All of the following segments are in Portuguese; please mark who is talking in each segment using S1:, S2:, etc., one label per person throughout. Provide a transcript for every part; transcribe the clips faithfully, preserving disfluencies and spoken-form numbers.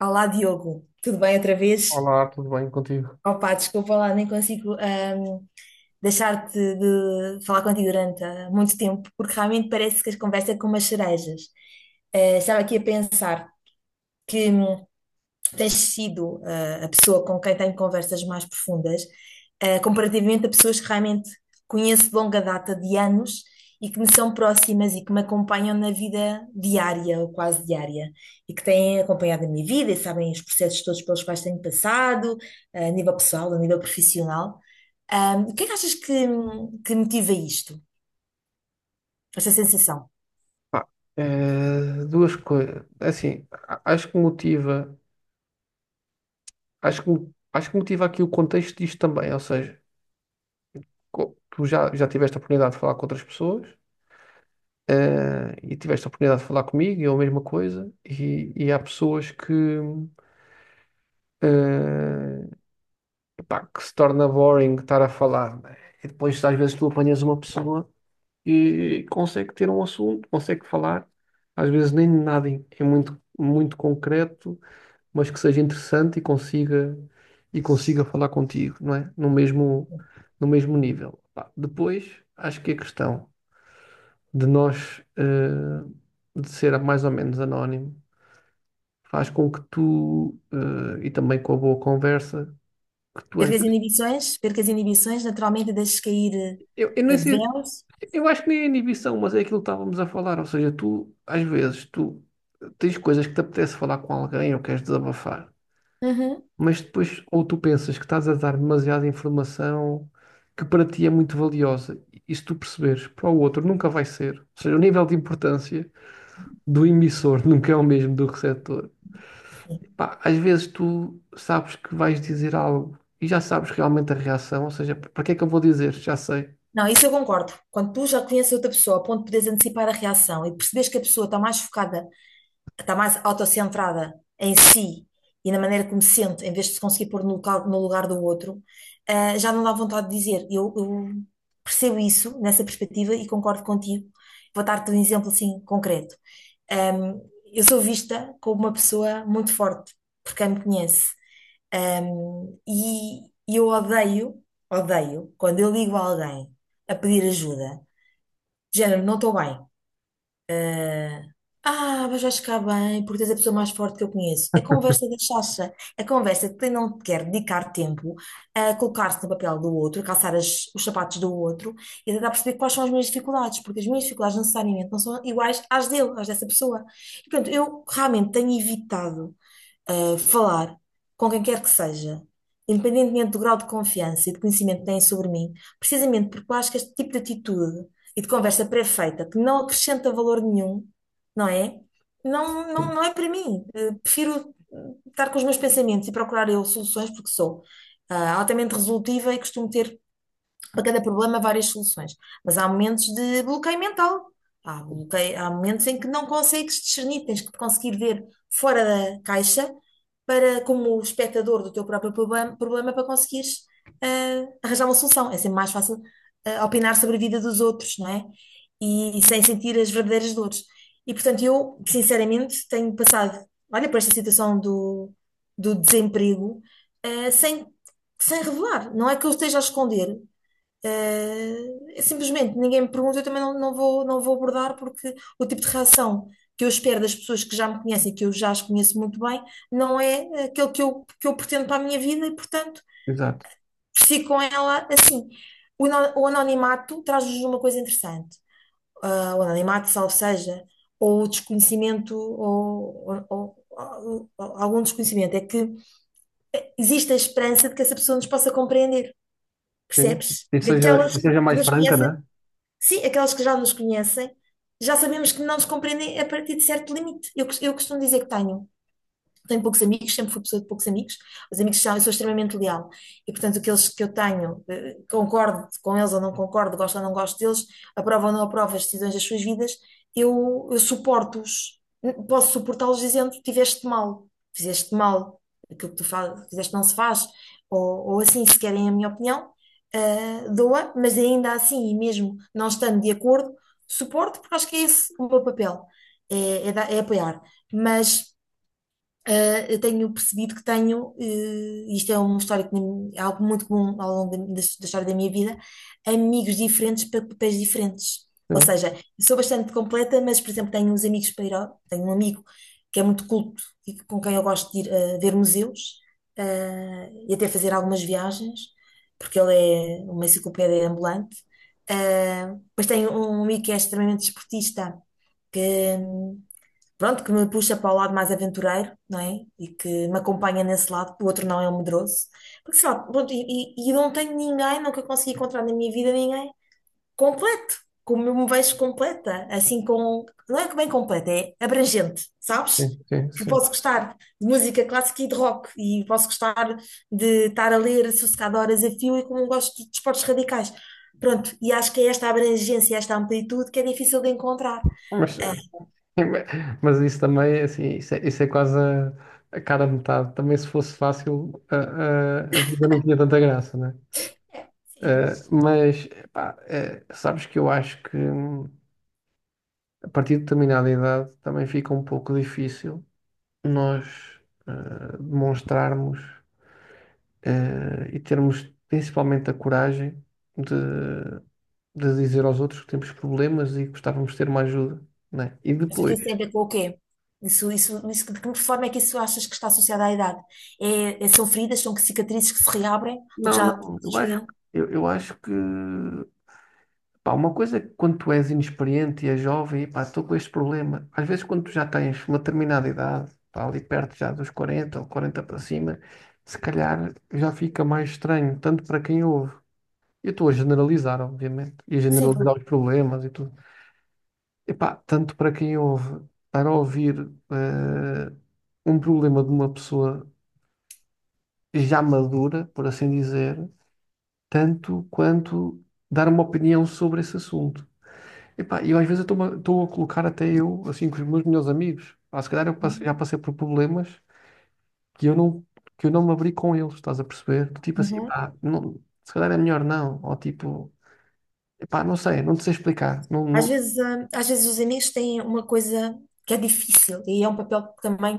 S1: Olá, Diogo. Tudo bem outra vez?
S2: Olá, tudo bem contigo?
S1: Opa, desculpa lá, nem consigo ahm, deixar-te de falar contigo durante ah, muito tempo, porque realmente parece que as conversas é com umas cerejas. Eh, estava aqui a pensar que hum, tens sido ah, a pessoa com quem tenho conversas mais profundas, ah, comparativamente a pessoas que realmente conheço de longa data, de anos, e que me são próximas e que me acompanham na vida diária ou quase diária, e que têm acompanhado a minha vida e sabem os processos todos pelos quais tenho passado, uh, a nível pessoal, a nível profissional. Ah, o que é que achas que, que motiva isto, esta sensação?
S2: Pá, eh, duas coisas. Assim, a- acho que motiva, acho que, acho que motiva aqui o contexto disto também. Ou seja, co- tu já, já tiveste a oportunidade de falar com outras pessoas, eh, e tiveste a oportunidade de falar comigo, e é a mesma coisa. E, e há pessoas que, eh, pá, que se torna boring estar a falar, né? E depois, às vezes, tu apanhas uma pessoa e consegue ter um assunto, consegue falar, às vezes nem nada é muito, muito concreto, mas que seja interessante e consiga e consiga falar contigo, não é? No mesmo no mesmo nível. Pá, depois, acho que a questão de nós eh, de ser mais ou menos anónimo faz com que tu eh, e também com a boa conversa que tu às
S1: Perca as
S2: vezes,
S1: inibições, perca as inibições, naturalmente deixes cair
S2: eu, eu nem
S1: eh,
S2: sei,
S1: véus.
S2: eu acho que nem é inibição, mas é aquilo que estávamos a falar. Ou seja, tu às vezes tu tens coisas que te apetece falar com alguém ou queres desabafar,
S1: Uhum.
S2: mas depois ou tu pensas que estás a dar demasiada informação que para ti é muito valiosa, e se tu perceberes, para o outro nunca vai ser. Ou seja, o nível de importância do emissor nunca é o mesmo do receptor.
S1: Sim.
S2: Pá, às vezes tu sabes que vais dizer algo e já sabes realmente a reação. Ou seja, para que é que eu vou dizer? Já sei.
S1: Não, isso eu concordo. Quando tu já conheces outra pessoa, a ponto de poderes antecipar a reação e percebes que a pessoa está mais focada, está mais autocentrada em si e na maneira como se sente, em vez de se conseguir pôr no local- no lugar do outro, ah, já não dá vontade de dizer. Eu, eu percebo isso nessa perspectiva e concordo contigo. Vou dar-te um exemplo assim concreto. Um, eu sou vista como uma pessoa muito forte, porque quem me conhece. Um, e e eu odeio, odeio, quando eu ligo a alguém a pedir ajuda, do género, não estou bem. Ah, mas vais ficar bem, porque tens a pessoa mais forte que eu conheço. É conversa da chacha. É conversa que quem não te quer dedicar tempo a colocar-se no papel do outro, a calçar as- os sapatos do outro e tentar perceber quais são as minhas dificuldades, porque as minhas dificuldades necessariamente não são iguais às dele, às dessa pessoa. E, portanto, eu realmente tenho evitado uh, falar com quem quer que seja, independentemente do grau de confiança e de conhecimento que têm sobre mim, precisamente porque eu acho que este tipo de atitude e de conversa pré-feita, que não acrescenta valor nenhum, não é? Não, não, não é para mim. Uh, prefiro uh, estar com os meus pensamentos e procurar eu soluções, porque sou, uh, altamente resolutiva e costumo ter para cada problema várias soluções. Mas há momentos de bloqueio mental. Há, bloqueio- há momentos em que não consegues discernir, tens que conseguir ver fora da caixa para, como espectador do teu próprio problema, problema para conseguires ah, arranjar uma solução. É sempre mais fácil ah, opinar sobre a vida dos outros, não é? E, sem sentir as verdadeiras dores. E portanto, eu, sinceramente, tenho passado, olha, por esta situação do, do desemprego, ah, sem, sem revelar. Não é que eu esteja a esconder, eh, é simplesmente ninguém me pergunta, eu também não, não vou, não vou abordar, porque o tipo de reação que eu espero das pessoas que já me conhecem, que eu já as conheço muito bem, não é aquele que eu, que eu pretendo para a minha vida e, portanto,
S2: Exato.
S1: fico com ela assim. O, ano- o anonimato traz-nos uma coisa interessante. Ah, o anonimato, salvo seja, ou o desconhecimento, ou, ou- ou- ou algum desconhecimento, é que existe a esperança de que essa pessoa nos possa compreender,
S2: Sim.
S1: percebes?
S2: E
S1: Porque
S2: seja,
S1: aquelas
S2: e
S1: que
S2: seja mais
S1: nos
S2: franca,
S1: conhecem,
S2: né?
S1: sim, aquelas que já nos conhecem, já sabemos que não nos compreendem a partir de certo limite. Eu, cos- eu costumo dizer que tenho tenho poucos amigos, sempre fui pessoa de poucos amigos, os amigos são, eu sou extremamente leal e, portanto, aqueles que eu tenho, eh, concordo com eles ou não concordo, gosto ou não gosto deles, aprovo ou não aprovo as decisões das suas vidas, eu, eu suporto-os, posso suportá-los dizendo: tiveste mal, fizeste mal, aquilo que tu faz, fizeste não se faz, ou, ou assim, se querem a minha opinião, eh, doa, mas ainda assim, e mesmo não estando de acordo, suporto, porque acho que é esse o meu papel, é, é, dar- é apoiar. Mas Uh, eu tenho percebido que tenho, uh, isto é uma história que nem- é algo muito comum ao longo da, da- da história da minha vida, amigos diferentes para papéis diferentes. Ou
S2: Sim,
S1: seja, sou bastante completa, mas, por exemplo, tenho uns amigos para ir ao, tenho um amigo que é muito culto e que- com quem eu gosto de ir uh, ver museus, uh, e até fazer algumas viagens, porque ele é uma enciclopédia ambulante. Uh, depois tenho um amigo que é extremamente desportista, pronto, que me puxa para o lado mais aventureiro, não é? E que me acompanha nesse lado, o outro não é um medroso. Porque sei lá, pronto, e, e, e eu não tenho ninguém, nunca consegui encontrar na minha vida ninguém completo, como eu me vejo completa, assim com, não é que bem completa, é abrangente,
S2: sim,
S1: sabes?
S2: sim,
S1: Eu
S2: sim.
S1: posso gostar de música clássica e de rock, e posso gostar de estar a ler sossegado horas a fio, e como gosto de desportos radicais. Pronto, e acho que é esta abrangência, esta amplitude que é difícil de encontrar.
S2: Mas
S1: Ah,
S2: mas isso também, assim, isso é, isso é quase a, a cara a metade. Também se fosse fácil, a, a- a vida não tinha tanta graça, né?
S1: sim.
S2: Eh, mas, pá, eh, sabes que eu acho que hum, a partir de determinada idade também fica um pouco difícil nós eh, demonstrarmos eh, e termos principalmente a coragem de, de dizer aos outros que temos problemas e que gostávamos de ter uma ajuda, né? E
S1: Achas que
S2: depois.
S1: isso tem a ver com o quê? Isso, isso, isso, de que forma é que isso achas que está associado à idade? É, é- são feridas, são cicatrizes que se reabrem? Porque
S2: Não,
S1: já.
S2: não, eu acho, eu, eu acho que, pá, uma coisa é que quando tu és inexperiente e és jovem, e pá, estou com este problema. Às vezes quando tu já tens uma determinada idade, pá, ali perto já dos quarenta ou quarenta para cima, se calhar já fica mais estranho, tanto para quem ouve. Eu estou a generalizar, obviamente, e a
S1: Sim, claro.
S2: generalizar os problemas e tudo. E pá, tanto para quem ouve, para ouvir eh, um problema de uma pessoa já madura, por assim dizer, tanto quanto dar uma opinião sobre esse assunto. Epá, eu às vezes estou-me a estou a colocar até eu, assim, com os meus melhores amigos. Pá, se calhar eu passe- já passei por problemas que eu não, que eu não me abri com eles, estás a perceber? Tipo assim,
S1: Uhum.
S2: pá, não, se calhar é melhor não. Ou tipo, epá, não sei, não te sei explicar. Não,
S1: Às
S2: não-
S1: vezes, hum, às vezes os amigos têm uma coisa que é difícil e é um papel que também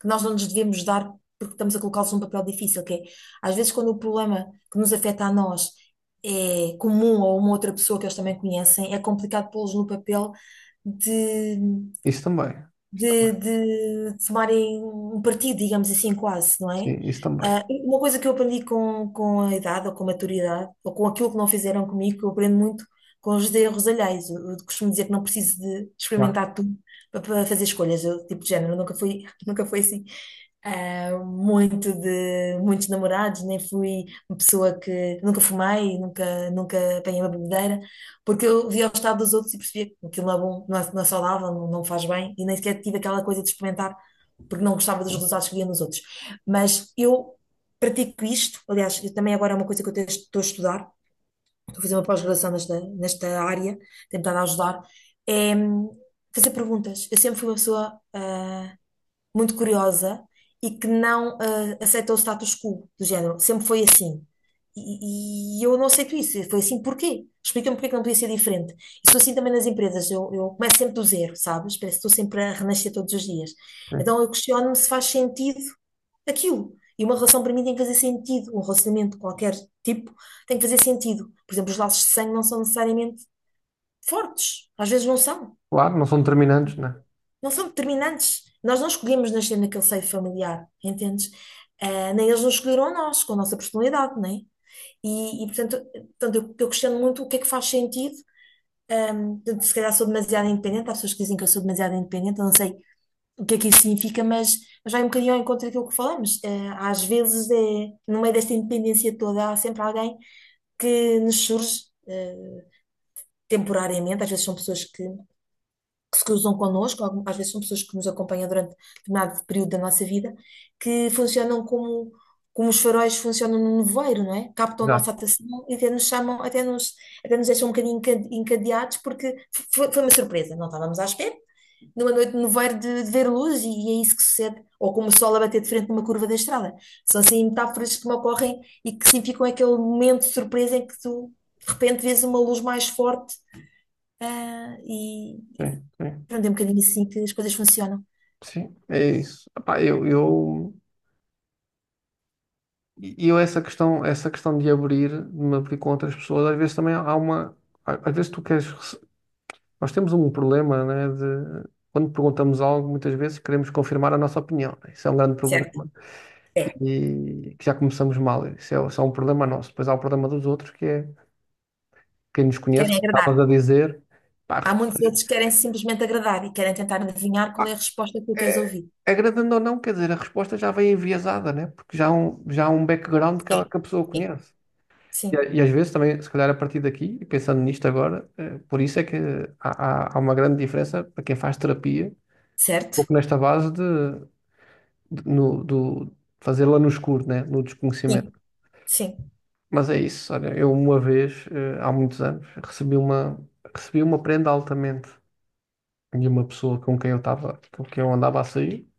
S1: que nós não nos devemos dar porque estamos a colocá-los num papel difícil, que é, às vezes quando o problema que nos afeta a nós é comum a uma outra pessoa que eles também conhecem, é complicado pô-los no papel de
S2: Isso também. Isso
S1: de,
S2: também.
S1: de tomarem um partido, digamos assim, quase, não é?
S2: Sim, isso também.
S1: Ah, e uma coisa que eu aprendi com, com a idade ou com a maturidade, ou com aquilo que não fizeram comigo, que eu aprendo muito com os erros alheios. Eu, eu costumo dizer que não preciso de
S2: Claro,
S1: experimentar tudo para, para fazer escolhas, eu, tipo de género, nunca fui, nunca fui assim. ah, muito de muitos namorados, nem fui uma pessoa que nunca fumei, nunca, nunca apanhei uma bebedeira. Porque eu via o estado dos outros e percebia que aquilo não é bom, não é, não é saudável, não, não faz bem, e nem sequer tive aquela coisa de experimentar, porque não gostava dos resultados que via nos outros. Mas eu pratico isto, aliás, eu também agora é uma coisa que eu te- estou a estudar, estou a fazer uma pós-graduação nesta, nesta área, tenho estado a ajudar, é hum, fazer perguntas. Eu sempre fui uma pessoa ah, muito curiosa e que não ah, aceita o status quo do género. Sempre foi assim. E, e eu não aceito isso. Foi assim porquê? Explica-me porquê que não podia ser diferente. E sou assim também nas empresas. Eu, eu começo sempre do zero, sabes? Parece que estou sempre a renascer todos os dias.
S2: sim.
S1: Então eu questiono-me se faz sentido aquilo. E uma relação para mim tem que fazer sentido. Um relacionamento de qualquer tipo tem que fazer sentido. Por exemplo, os laços de sangue não são necessariamente fortes. Às vezes não são
S2: Claro, não são determinantes, né?
S1: não são determinantes. Nós não escolhemos nascer naquele seio familiar, entendes? Ah, nem eles nos escolheram a nós, com a nossa personalidade, não é? E, e, portanto, portanto eu, eu questiono muito o que é que faz sentido. Ahm, portanto, se calhar sou demasiado independente, há pessoas que dizem que eu sou demasiado independente, eu não sei o que é que isso significa, mas, mas vai um bocadinho ao encontro daquilo que falamos. Ah, às vezes, é, no meio desta independência toda, há sempre alguém que nos surge eh, temporariamente, às vezes são pessoas que que se cruzam connosco, algum- às vezes são pessoas que nos acompanham durante determinado período da nossa vida, que funcionam como, como os faróis funcionam no nevoeiro, não é? Captam a nossa
S2: Exato.
S1: atenção e até nos chamam, até nos, até nos deixam um bocadinho encade- encadeados, porque foi, foi uma surpresa, não estávamos à espera. Numa noite de nevoeiro de, de ver luz, e, é isso que sucede, ou como o sol a bater de frente numa curva da estrada. São assim metáforas que me ocorrem e que significam aquele momento de surpresa em que tu, de repente, vês uma luz mais forte. Ah, e,
S2: Sim, sim.
S1: Pronto, é um bocadinho assim que as coisas funcionam.
S2: Sim, é isso. Epá, eu, eu... E e eu essa questão, essa questão de abrir, de me abrir com outras pessoas, às vezes também há uma, às vezes tu queres, rece- nós temos um problema, né, de quando perguntamos algo, muitas vezes queremos confirmar a nossa opinião, né? Isso é um grande
S1: Certo.
S2: problema
S1: É.
S2: e que já começamos mal. Isso é só um problema nosso. Depois há o problema dos outros, que é quem nos conhece,
S1: Querem
S2: como estavas
S1: agradar.
S2: a dizer, pá, a
S1: Há muitos outros que
S2: resposta-
S1: querem simplesmente agradar e querem tentar adivinhar qual é
S2: pá,
S1: a resposta que tu queres
S2: é-
S1: ouvir.
S2: agradando ou não, quer dizer, a resposta já vem enviesada, né? Porque já há um, já há um background que, ela,
S1: Sim.
S2: que a pessoa
S1: Sim.
S2: conhece. E, a-
S1: Sim.
S2: e às vezes também, se calhar a partir daqui, e pensando nisto agora, eh, por isso é que há, há, há uma grande diferença para quem faz terapia, um
S1: Certo?
S2: pouco nesta base de, de- no, do fazê-la no escuro, né? No desconhecimento.
S1: Sim. Sim.
S2: Mas é isso, olha, eu uma vez, eh, há muitos anos, recebi uma, recebi uma prenda altamente de uma pessoa com quem eu estava, com quem eu andava a sair,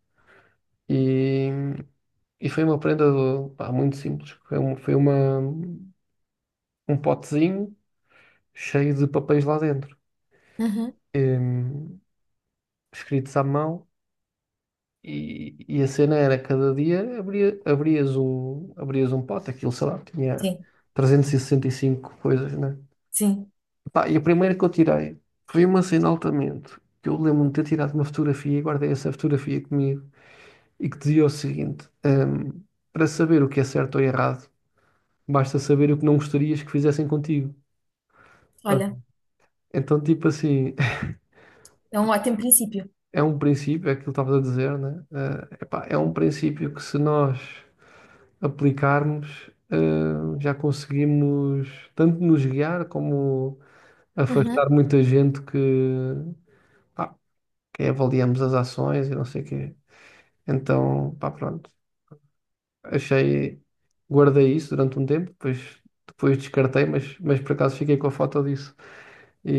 S2: e, e foi uma prenda do- pá, muito simples, foi, um, foi uma, um potezinho cheio de papéis lá dentro,
S1: Uhum.
S2: escritos à mão. E, e a cena era cada dia abria, abrias um, abrias um pote. Aquilo, sei lá, tinha
S1: Sim.
S2: trezentas e sessenta e cinco coisas, né?
S1: Sim.
S2: Pá, e a primeira que eu tirei foi uma cena altamente, que eu lembro-me de ter tirado uma fotografia e guardei essa fotografia comigo, e que dizia o seguinte, hum, para saber o que é certo ou errado, basta saber o que não gostarias que fizessem contigo. Tá?
S1: Olha,
S2: Então, tipo assim,
S1: é um ótimo princípio.
S2: é um princípio, é aquilo que estavas a dizer, né? Eh, epá, é um princípio que se nós aplicarmos, eh, já conseguimos tanto nos guiar como
S1: Uhum.
S2: afastar muita gente que, pá, que avaliamos as ações e não sei o quê. Então, pá, pronto. Achei, guardei isso durante um tempo, depois, depois descartei, mas, mas por acaso fiquei com a foto disso. E,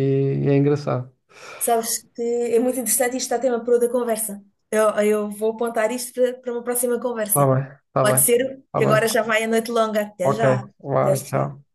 S2: é engraçado.
S1: Sabes que é muito interessante e isto está tema para outra conversa. Eu, eu vou apontar isto para, para uma próxima
S2: Tá
S1: conversa.
S2: bem, tá
S1: Pode
S2: bem,
S1: ser,
S2: tá
S1: que
S2: bem.
S1: agora já vai a noite longa. Até
S2: Ok,
S1: já. Até
S2: vá,
S1: já.
S2: tchau.